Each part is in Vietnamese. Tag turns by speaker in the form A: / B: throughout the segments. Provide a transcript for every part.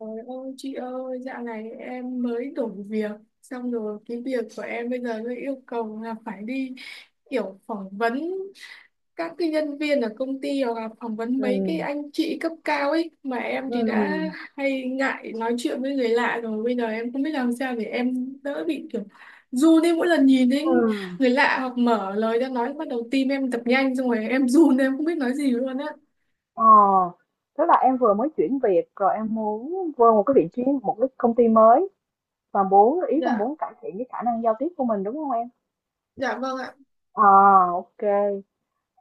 A: Trời ơi chị ơi, dạo này em mới đổi việc xong rồi cái việc của em bây giờ nó yêu cầu là phải đi kiểu phỏng vấn các cái nhân viên ở công ty hoặc là phỏng vấn mấy cái
B: Ừ.
A: anh chị cấp cao ấy mà em thì đã
B: Ừ.
A: hay ngại nói chuyện với người lạ rồi bây giờ em không biết làm sao để em đỡ bị kiểu run đi mỗi lần nhìn đến
B: Ừ.
A: người lạ hoặc mở lời ra nói bắt đầu tim em đập nhanh xong rồi em run em không biết nói gì luôn á.
B: Ờ, tức là em vừa mới chuyển việc rồi em muốn vô một cái vị trí một cái công ty mới, và muốn, ý là,
A: Dạ,
B: muốn cải thiện cái khả năng giao tiếp của mình, đúng không em?
A: dạ vâng ạ.
B: À, ok.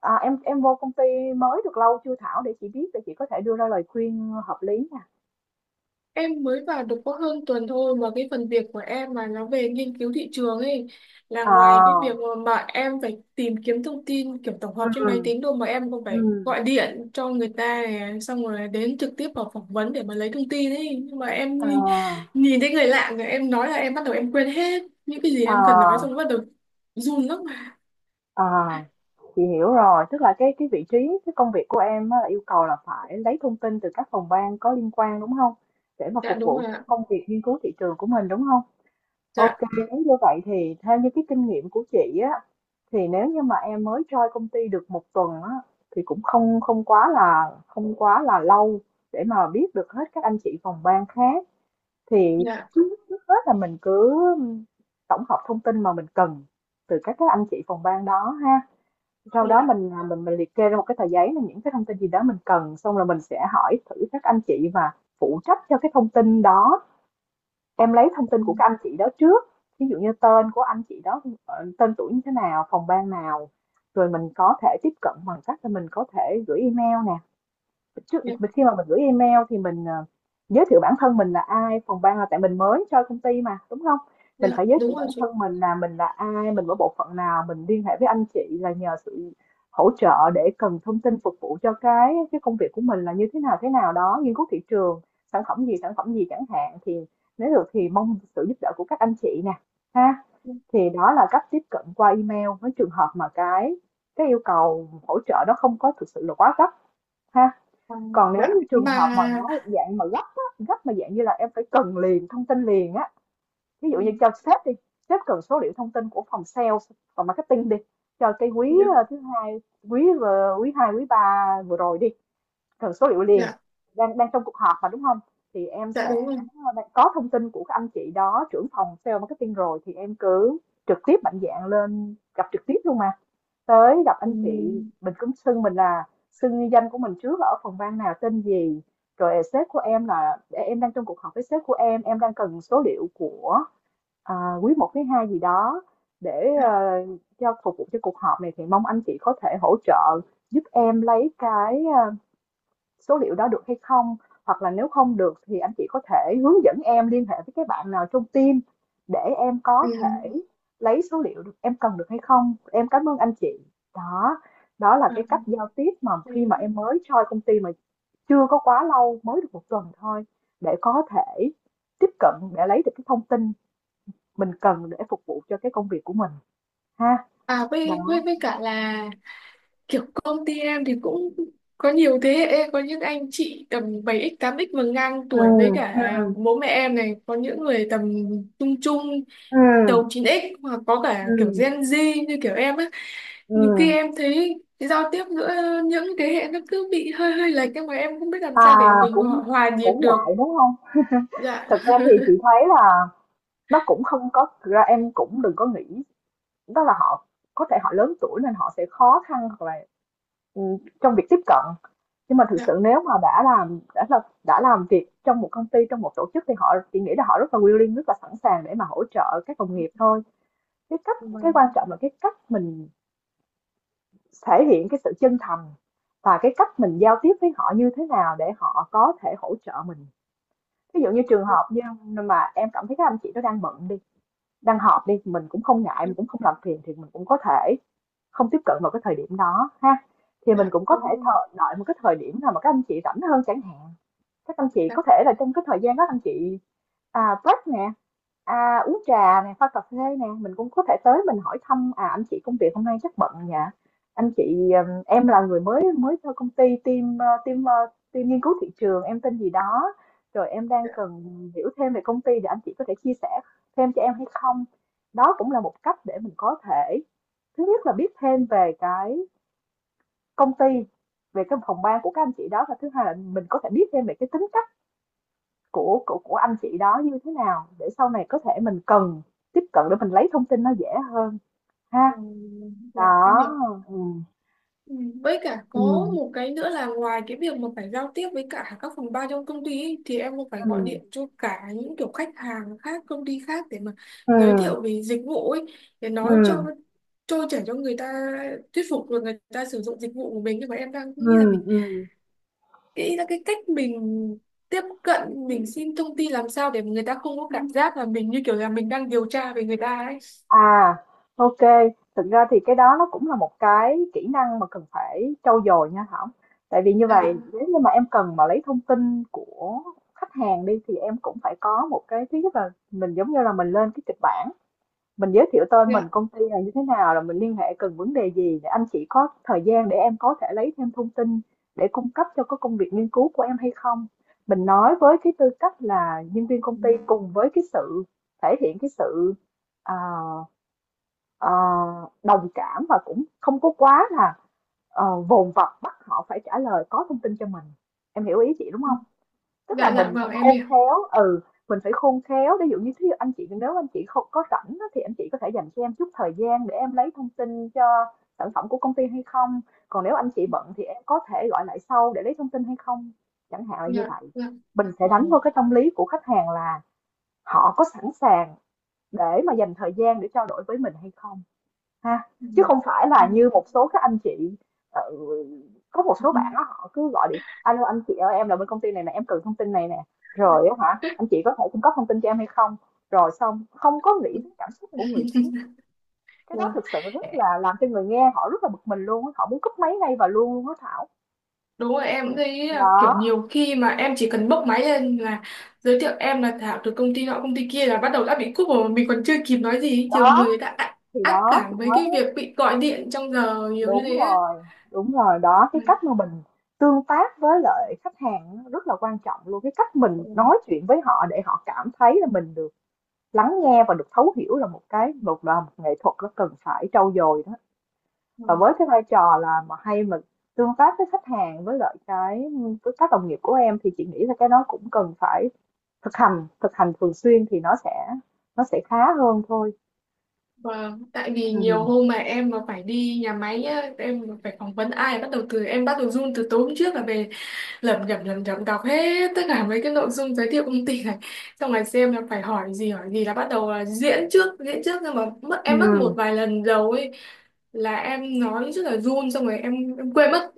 B: À, em vô công ty mới được lâu chưa Thảo, để chị biết để chị có thể đưa ra lời khuyên hợp lý nha.
A: Em mới vào được có hơn tuần thôi mà cái phần việc của em mà nó về nghiên cứu thị trường ấy là ngoài cái việc
B: À.
A: mà em phải tìm kiếm thông tin kiểu tổng
B: Ừ.
A: hợp trên máy tính đâu mà em còn
B: Ừ.
A: phải gọi điện cho người ta này, xong rồi đến trực tiếp vào phỏng vấn để mà lấy thông tin ấy nhưng mà em nhìn
B: À.
A: nhìn thấy người lạ rồi em nói là em bắt đầu em quên hết những cái gì em cần nói xong
B: À.
A: bắt đầu run lắm mà.
B: À. Chị hiểu rồi, tức là cái vị trí, cái công việc của em á, là yêu cầu là phải lấy thông tin từ các phòng ban có liên quan, đúng không? Để mà
A: Dạ
B: phục
A: đúng
B: vụ
A: rồi
B: cho cái
A: ạ.
B: công việc nghiên cứu thị trường của mình, đúng không?
A: Dạ.
B: Ok, nếu như vậy thì theo như cái kinh nghiệm của chị á, thì nếu như mà em mới join công ty được một tuần á, thì cũng không không quá là không quá là lâu để mà biết được hết các anh chị phòng ban khác, thì
A: Dạ.
B: trước trước hết là mình cứ tổng hợp thông tin mà mình cần từ các anh chị phòng ban đó ha, sau đó
A: Dạ.
B: mình, à, mình mình liệt kê ra một cái tờ giấy là những cái thông tin gì đó mình cần, xong là mình sẽ hỏi thử các anh chị và phụ trách cho cái thông tin đó. Em lấy thông
A: Ừ.
B: tin của các anh chị đó trước, ví dụ như tên của anh chị đó, tên tuổi như thế nào, phòng ban nào, rồi mình có thể tiếp cận bằng cách là mình có thể gửi email nè, trước
A: Dạ.
B: mình khi mà mình gửi email thì mình, giới thiệu bản thân mình là ai, phòng ban là, tại mình mới cho công ty mà đúng không, mình
A: Dạ
B: phải giới thiệu
A: đúng rồi
B: bản
A: chị.
B: thân mình là ai, mình ở bộ phận nào, mình liên hệ với anh chị là nhờ sự hỗ trợ để cần thông tin phục vụ cho cái công việc của mình là như thế nào đó, nghiên cứu thị trường sản phẩm gì chẳng hạn, thì nếu được thì mong sự giúp đỡ của các anh chị nè, ha. Thì đó là cách tiếp cận qua email, với trường hợp mà cái yêu cầu hỗ trợ đó không có thực sự là quá gấp ha.
A: Ừ.
B: Còn nếu
A: Dạ
B: như trường
A: mà
B: hợp mà nó dạng mà gấp á, gấp mà dạng như là em phải cần liền thông tin liền á, ví
A: ừ.
B: dụ như cho sếp đi, sếp cần số liệu thông tin của phòng sales, phòng marketing đi, cho cái quý,
A: Dạ.
B: thứ hai, quý hai quý ba vừa rồi đi, cần số liệu liền,
A: Dạ.
B: đang đang trong cuộc họp mà, đúng không, thì em
A: Dạ
B: sẽ,
A: đúng rồi.
B: đang có thông tin của các anh chị đó, trưởng phòng sales marketing rồi, thì em cứ trực tiếp mạnh dạn lên gặp trực tiếp luôn mà. Tới gặp
A: Ừ.
B: anh chị, mình cũng xưng mình là, xưng ni danh của mình trước là ở phòng ban nào tên gì, rồi sếp của em là, em đang trong cuộc họp với sếp của em đang cần số liệu của, à, quý một quý hai gì đó, để
A: Dạ.
B: cho phục vụ cho cuộc họp này, thì mong anh chị có thể hỗ trợ giúp em lấy cái, số liệu đó được hay không, hoặc là nếu không được thì anh chị có thể hướng dẫn em liên hệ với cái bạn nào trong team để em
A: Ừ.
B: có thể lấy số liệu được, em cần được hay không, em cảm ơn anh chị. Đó, đó là
A: À,
B: cái cách giao tiếp mà khi mà
A: thế-
B: em mới join công ty, mà chưa có quá lâu mới được một tuần thôi, để có thể tiếp cận để lấy được cái thông tin mình cần để phục vụ cho cái công việc của mình ha.
A: à với,
B: Đó.
A: với cả là kiểu công ty em thì cũng có nhiều thế hệ có những anh chị tầm bảy x tám x và ngang
B: Ừ.
A: tuổi với cả
B: Ừ.
A: bố mẹ em này có những người tầm trung trung
B: Ừ.
A: đầu chín x hoặc có cả kiểu
B: Ừ.
A: Gen Z như kiểu em á
B: Ừ.
A: nhiều khi em thấy cái giao tiếp giữa những thế hệ nó cứ bị hơi hơi lệch nhưng mà em không biết làm
B: À,
A: sao để mình hòa,
B: cũng
A: hòa nhịp
B: cũng
A: được.
B: ngại, đúng không?
A: Dạ.
B: Thực ra thì chị thấy là nó cũng không có, thực ra em cũng đừng có nghĩ đó là họ, có thể họ lớn tuổi nên họ sẽ khó khăn hoặc là, trong việc tiếp cận. Nhưng mà thực
A: Dạ
B: sự nếu mà đã làm việc trong một công ty, trong một tổ chức, thì họ, chị nghĩ là họ rất là willing, rất là sẵn sàng để mà hỗ trợ các đồng nghiệp thôi. Cái cách, cái
A: vâng.
B: quan trọng là cái cách mình thể hiện cái sự chân thành, và cái cách mình giao tiếp với họ như thế nào để họ có thể hỗ trợ mình. Ví dụ như trường
A: Dạ,
B: hợp như mà em cảm thấy các anh chị nó đang bận đi, đang họp đi, mình cũng không ngại,
A: dạ,
B: mình cũng không làm phiền, thì mình cũng có thể không tiếp cận vào cái thời điểm đó ha, thì mình
A: dạ,
B: cũng có
A: đúng
B: thể
A: rồi.
B: thờ, đợi một cái thời điểm nào mà các anh chị rảnh hơn chẳng hạn. Các anh chị có thể là trong cái thời gian đó anh chị, break nè, uống trà nè, pha cà phê nè, mình cũng có thể tới mình hỏi thăm, anh chị công việc hôm nay chắc bận nhỉ? Anh chị, em là người mới mới cho công ty, team, team nghiên cứu thị trường, em tên gì đó, rồi em đang
A: Dạ,
B: cần hiểu thêm về công ty, để anh chị có thể chia sẻ thêm cho em hay không? Đó cũng là một cách để mình có thể, thứ nhất là biết thêm về cái công ty, về cái phòng ban của các anh chị đó, và thứ hai là mình có thể biết thêm về cái tính cách của anh chị đó như thế nào để sau này có thể mình cần tiếp cận để mình lấy thông tin nó dễ hơn
A: ừ,
B: ha.
A: dạ em
B: Đó.
A: hiểu.
B: Ừm.
A: Ừ. Với cả có
B: Ừm.
A: một cái nữa là ngoài cái việc mà phải giao tiếp với cả các phòng ban trong công ty ấy, thì em cũng phải gọi
B: Ừm.
A: điện cho cả những kiểu khách hàng khác, công ty khác để mà giới
B: Ừm.
A: thiệu về dịch vụ ấy để nói cho
B: Ừm.
A: trôi chảy cho người ta thuyết phục rồi người ta sử dụng dịch vụ của mình nhưng mà em đang nghĩ là
B: Ừm.
A: mình
B: Ừm.
A: nghĩ là cái cách mình tiếp cận mình xin thông tin làm sao để người ta không có cảm giác là mình như kiểu là mình đang điều tra về người ta ấy.
B: À, OK, thực ra thì cái đó nó cũng là một cái kỹ năng mà cần phải trau dồi nha Thảo. Tại vì như
A: Dạ,
B: vậy nếu như mà em cần mà lấy thông tin của khách hàng đi, thì em cũng phải có một cái, thứ nhất là mình giống như là mình lên cái kịch bản, mình giới thiệu tên mình
A: dạ.
B: công ty là như thế nào, là mình liên hệ cần vấn đề gì, để anh chị có thời gian để em có thể lấy thêm thông tin để cung cấp cho cái công việc nghiên cứu của em hay không, mình nói với cái tư cách là nhân viên
A: Ừ.
B: công ty, cùng với cái sự thể hiện cái sự, à, à, đồng cảm, và cũng không có quá là, vồn vập bắt họ phải trả lời có thông tin cho mình, em hiểu ý chị đúng không. Tức là
A: Dạ, dạ
B: mình
A: vâng
B: phải
A: em
B: khôn
A: hiểu.
B: khéo, mình phải khôn khéo, ví dụ như thí dụ anh chị, nếu anh chị không có rảnh á, thì anh chị có thể dành cho em chút thời gian để em lấy thông tin cho sản phẩm của công ty hay không? Còn nếu anh chị bận thì em có thể gọi lại sau để lấy thông tin hay không? Chẳng hạn là như
A: Dạ.
B: vậy.
A: Dạ.
B: Mình sẽ
A: Ờ.
B: đánh vào cái tâm lý của khách hàng là họ có sẵn sàng để mà dành thời gian để trao đổi với mình hay không ha.
A: Ừ.
B: Chứ không phải
A: Ừ.
B: là như một số các anh chị, ờ, có một số bạn á, họ cứ gọi điện, alo anh chị ơi, em là bên công ty này nè, em cần thông tin này nè, rồi á hả anh chị có thể cung cấp thông tin cho em hay không, rồi xong không có nghĩ đến cảm xúc của người khác. Cái đó
A: Ừ.
B: thực sự rất là làm cho người nghe họ rất là bực mình luôn á, họ muốn cúp máy ngay và luôn luôn á Thảo.
A: Đúng rồi em cũng thấy là
B: Đó.
A: kiểu nhiều khi mà em chỉ cần bốc máy lên là giới thiệu em là Thảo từ công ty nọ công ty kia là bắt đầu đã bị cúp rồi mà mình còn chưa kịp nói gì nhiều
B: đó
A: người đã ác
B: thì
A: ác
B: đó chị
A: cảm với
B: nói.
A: cái việc bị gọi điện trong giờ nhiều như
B: Đúng
A: thế á.
B: rồi, đúng rồi, đó,
A: Ừ.
B: cái cách mà mình tương tác với lại khách hàng rất là quan trọng luôn. Cái cách
A: Ừ.
B: mình nói chuyện với họ để họ cảm thấy là mình được lắng nghe và được thấu hiểu, là một cái một là một nghệ thuật, nó cần phải trau dồi đó.
A: Ừ.
B: Và với cái vai trò là mà hay mình tương tác với khách hàng, với lại cái, với các đồng nghiệp của em, thì chị nghĩ là cái đó cũng cần phải thực hành thường xuyên thì nó sẽ khá hơn thôi.
A: Vâng, tại vì nhiều
B: Ừ.
A: hôm mà em mà phải đi nhà máy á, em mà phải phỏng vấn ai bắt đầu từ em bắt đầu run từ tối hôm trước là về lẩm nhẩm đọc hết tất cả mấy cái nội dung giới thiệu công ty này xong rồi xem là phải hỏi gì là bắt đầu là diễn trước nhưng mà mất em mất một
B: Ừ.
A: vài lần đầu ấy là em nói rất là run xong rồi em quên mất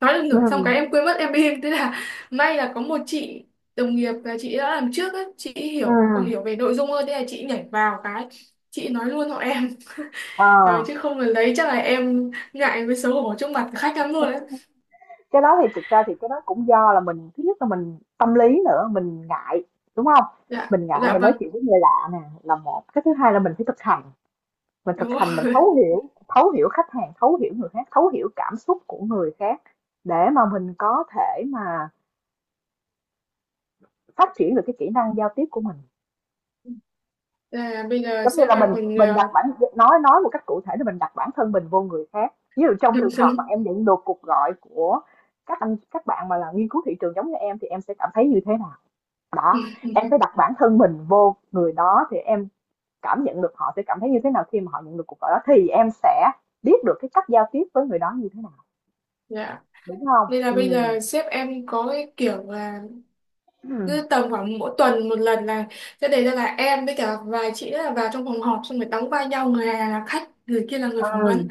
A: nói được
B: Ừ.
A: nửa xong cái em quên mất em im thế là may là có một chị đồng nghiệp là chị đã làm trước ấy chị
B: Ừ.
A: hiểu hiểu về nội dung hơn thế là chị nhảy vào cái chị nói luôn họ em.
B: Ờ.
A: Ờ, chứ không là lấy chắc là em ngại với xấu hổ trước mặt khách lắm luôn đấy.
B: Cái đó thì thực ra thì cái đó cũng do là mình, thứ nhất là mình tâm lý nữa, mình ngại, đúng không?
A: Dạ.
B: Mình ngại
A: Dạ
B: mình nói
A: vâng
B: chuyện với người lạ nè, là một cái. Thứ hai là mình phải thực hành, mình thực
A: đúng
B: hành, mình
A: rồi.
B: thấu hiểu, thấu hiểu khách hàng, thấu hiểu người khác, thấu hiểu cảm xúc của người khác để mà mình có thể mà phát triển được cái kỹ năng giao tiếp của mình.
A: Là bây giờ
B: Giống như
A: sếp
B: là
A: em
B: mình
A: còn
B: mình đặt bản, nói một cách cụ thể là mình đặt bản thân mình vô người khác. Ví dụ trong
A: uh,
B: trường hợp mà em nhận được cuộc gọi của các anh các bạn mà là nghiên cứu thị trường giống như em thì em sẽ cảm thấy như thế nào? Đó, em phải đặt bản thân mình vô người đó thì em cảm nhận được họ sẽ cảm thấy như thế nào khi mà họ nhận được cuộc gọi đó, thì em sẽ biết được cái cách giao tiếp với người đó như thế nào,
A: dạ
B: đúng không?
A: nên là bây
B: Ừm.
A: giờ sếp em có cái kiểu là
B: Ừ.
A: cứ tầm khoảng mỗi tuần một lần là sẽ đề ra là em với cả vài chị là vào trong phòng họp xong rồi đóng vai nhau người này là khách người kia là người phỏng
B: Ừm,
A: vấn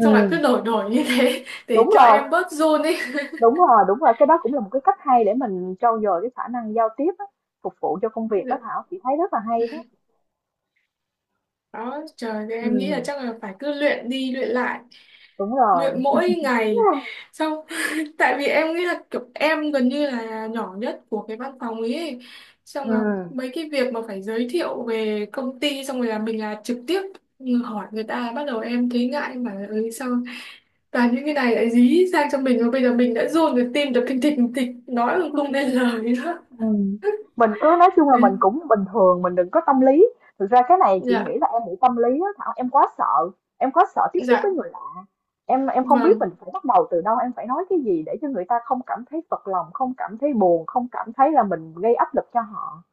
A: xong lại cứ đổi đổi như thế để
B: đúng
A: cho
B: rồi,
A: em bớt run ấy.
B: đúng rồi, đúng rồi, cái đó cũng là một cái cách hay để mình trau dồi cái khả năng giao tiếp á, phục vụ cho công việc đó
A: Dạ.
B: Thảo, chị thấy rất là hay đó.
A: Đó trời ơi, em nghĩ là
B: Ừm,
A: chắc là phải cứ luyện đi luyện lại
B: đúng
A: luyện
B: rồi.
A: mỗi ngày xong tại vì em nghĩ là kiểu em gần như là nhỏ nhất của cái văn phòng ấy. Xong là
B: Ừm.
A: mấy cái việc mà phải giới thiệu về công ty xong rồi là mình là trực tiếp hỏi người ta bắt đầu em thấy ngại em bảo là ừ, sao toàn những cái này lại dí sang cho mình và bây giờ mình đã run rồi tim đập thình thịch nói mà không nên lời đó.
B: Ừm, mình cứ nói chung là mình
A: Ừ.
B: cũng bình thường, mình đừng có tâm lý. Thực ra cái này chị
A: Dạ.
B: nghĩ là em bị tâm lý á Thảo, em quá sợ tiếp xúc
A: Dạ
B: với người lạ. Em không biết
A: vâng.
B: mình phải bắt đầu từ đâu, em phải nói cái gì để cho người ta không cảm thấy phật lòng, không cảm thấy buồn, không cảm thấy là mình gây áp lực cho họ.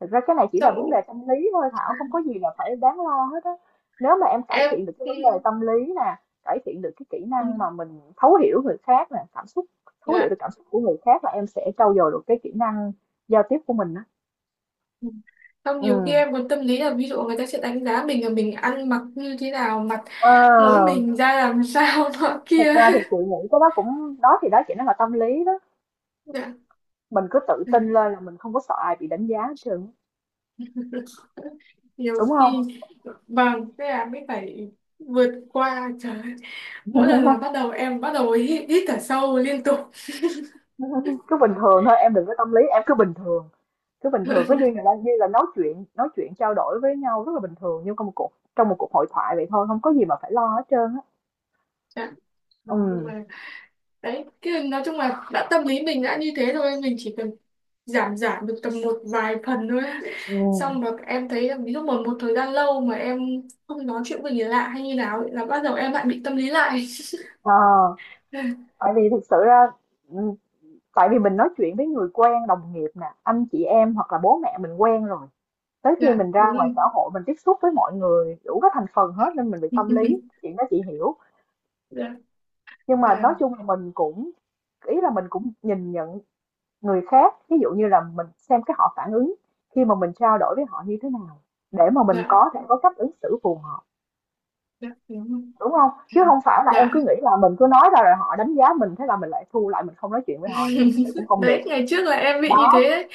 B: Thực ra cái này chỉ là vấn đề
A: Xong
B: tâm lý thôi Thảo, không có gì là phải đáng lo hết á. Nếu mà em cải
A: em
B: thiện được cái
A: ừ,
B: vấn đề tâm lý nè, cải thiện được cái kỹ
A: ừ,
B: năng mà mình thấu hiểu người khác nè, cảm xúc, thấu hiểu được
A: dạ.
B: cảm xúc của người khác là em sẽ trau dồi được cái kỹ năng giao tiếp của mình đó.
A: Ừ. Không,
B: Ừ.
A: nhiều khi em còn tâm lý là ví dụ người ta sẽ đánh giá mình là mình ăn mặc như thế nào, mặt
B: Ờ,
A: mũi mình ra làm sao nọ
B: thực
A: kia.
B: ra thì chị nghĩ cái đó cũng, đó thì đó chỉ nó là tâm lý đó.
A: Dạ.
B: Mình cứ tự tin
A: Ừ.
B: lên là mình không có sợ ai bị đánh giá hết trơn,
A: Nhiều
B: đúng không?
A: khi vâng, thế là mới phải vượt qua trời ơi. Mỗi lần là bắt đầu em bắt đầu hít thở sâu liên tục.
B: Cứ bình thường thôi, em đừng có tâm lý, em cứ bình thường. Cứ bình thường, cứ như là nói chuyện trao đổi với nhau rất là bình thường, như trong một cuộc hội thoại vậy thôi, không có gì mà phải lo hết trơn á.
A: Dạ.
B: Ừ.
A: Vâng, nhưng mà đấy, cái nói chung là đã tâm lý mình đã như thế rồi mình chỉ cần giảm giảm được tầm một vài phần thôi.
B: Ừ.
A: Xong rồi em thấy là ví dụ một một thời gian lâu mà em không nói chuyện với người lạ hay như nào ấy, là bắt đầu em lại bị tâm lý lại.
B: À, tại vì thực sự ra, ừ, tại vì mình nói chuyện với người quen, đồng nghiệp nè, anh chị em hoặc là bố mẹ mình quen rồi, tới khi
A: Dạ
B: mình
A: đúng
B: ra ngoài
A: rồi.
B: xã hội mình tiếp xúc với mọi người đủ các thành phần hết nên mình bị tâm lý chuyện đó, chị hiểu.
A: Dạ,
B: Nhưng mà
A: dạ,
B: nói chung là mình cũng nhìn nhận người khác, ví dụ như là mình xem cái họ phản ứng khi mà mình trao đổi với họ như thế nào để mà mình
A: dạ,
B: có thể có cách ứng xử phù hợp,
A: dạ đúng rồi.
B: đúng không? Chứ không phải là em
A: Dạ.
B: cứ nghĩ là mình cứ nói ra rồi họ đánh giá mình, thế là mình lại thu lại, mình không nói chuyện với họ nữa, như vậy cũng không được.
A: Đấy ngày trước là em bị như thế
B: Đó,
A: đấy.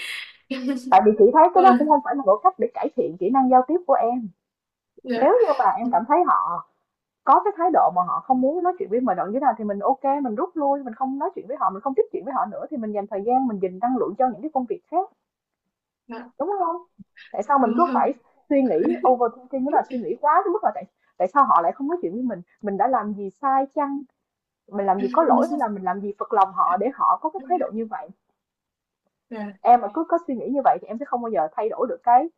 B: tại vì chị thấy cái đó
A: Rồi,
B: cũng không phải là một cách để cải thiện kỹ năng giao tiếp của em. Nếu
A: dạ,
B: như mà em cảm thấy họ có cái thái độ mà họ không muốn nói chuyện với mình đoạn như thế nào thì mình ok, mình rút lui, mình không nói chuyện với họ, mình không tiếp chuyện với họ nữa, thì mình dành thời gian, mình dành năng lượng cho những cái công việc khác,
A: dạ
B: đúng không? Tại sao mình cứ
A: đúng rồi.
B: phải suy nghĩ, overthinking đó là suy nghĩ quá đến mức là tại tại sao họ lại không nói chuyện với mình đã làm gì sai chăng, mình làm gì có lỗi, hay là mình làm gì phật lòng họ để họ có cái thái độ như vậy.
A: Dạ
B: Em mà cứ có suy nghĩ như vậy thì em sẽ không bao giờ thay đổi được cái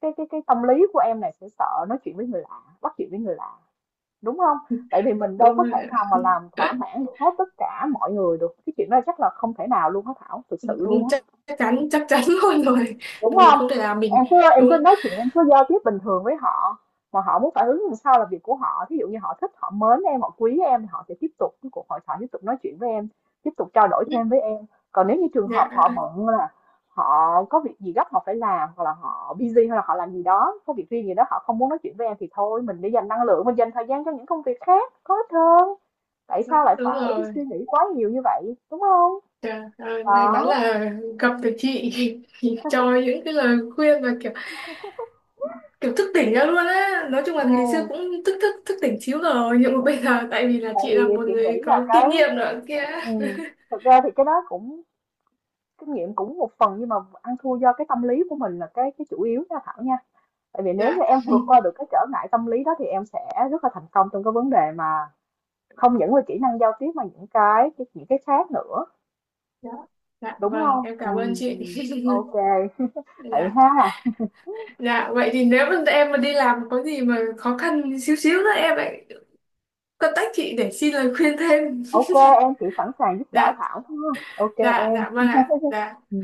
B: cái cái cái tâm lý của em này, sẽ sợ nói chuyện với người lạ, bắt chuyện với người lạ, đúng không? Tại vì mình đâu
A: đúng
B: có
A: rồi
B: thể nào mà làm thỏa
A: ạ.
B: mãn được hết tất cả mọi người được, cái chuyện đó chắc là không thể nào luôn á Thảo, thực sự luôn
A: Đúng,
B: á.
A: chắc chắc chắn luôn rồi.
B: Đúng
A: Mình
B: không?
A: không thể làm mình
B: Em cứ
A: đúng.
B: nói chuyện, em cứ giao tiếp bình thường với họ, mà họ muốn phản ứng làm sao là việc của họ. Ví dụ như họ thích, họ mến em, họ quý em thì họ sẽ tiếp tục cái cuộc hội thoại, tiếp tục nói chuyện với em, tiếp tục trao đổi thêm với em. Còn nếu như trường
A: Dạ
B: hợp họ bận, là họ có việc gì gấp họ phải làm, hoặc là họ busy, hoặc là họ làm gì đó, có việc riêng gì đó họ không muốn nói chuyện với em thì thôi, mình để dành năng lượng, mình dành thời gian cho những công việc khác có ích hơn. Tại
A: đó,
B: sao lại
A: đúng
B: phải suy
A: rồi.
B: nghĩ quá nhiều như vậy, đúng không?
A: Trời ơi, may mắn
B: Đó,
A: là gặp được chị cho những cái lời khuyên và kiểu kiểu thức tỉnh ra luôn á nói chung là ngày xưa
B: ừm,
A: cũng thức thức thức tỉnh xíu rồi nhưng mà bây giờ tại vì là
B: tại
A: chị
B: vì
A: là một
B: chị
A: người
B: nghĩ là
A: có
B: cái,
A: kinh nghiệm nữa kia.
B: ừm, thực ra thì cái đó cũng kinh nghiệm cũng một phần, nhưng mà ăn thua do cái tâm lý của mình là cái chủ yếu nha Thảo nha. Tại vì nếu như
A: Dạ.
B: em vượt qua được cái trở ngại tâm lý đó thì em sẽ rất là thành công trong cái vấn đề mà không những là kỹ năng giao tiếp mà những cái khác nữa,
A: Dạ. Dạ
B: đúng
A: vâng
B: không?
A: em cảm ơn
B: Ừ,
A: chị.
B: ừ. Ok, vậy
A: Dạ.
B: ha.
A: Dạ vậy thì nếu mà em mà đi làm có gì mà khó khăn xíu xíu nữa em lại contact chị để xin lời khuyên thêm.
B: Ok, em chỉ sẵn sàng giúp đỡ
A: Dạ.
B: Thảo thôi. Ok
A: Dạ.
B: em.
A: Dạ vâng ạ. Dạ.
B: Ừ.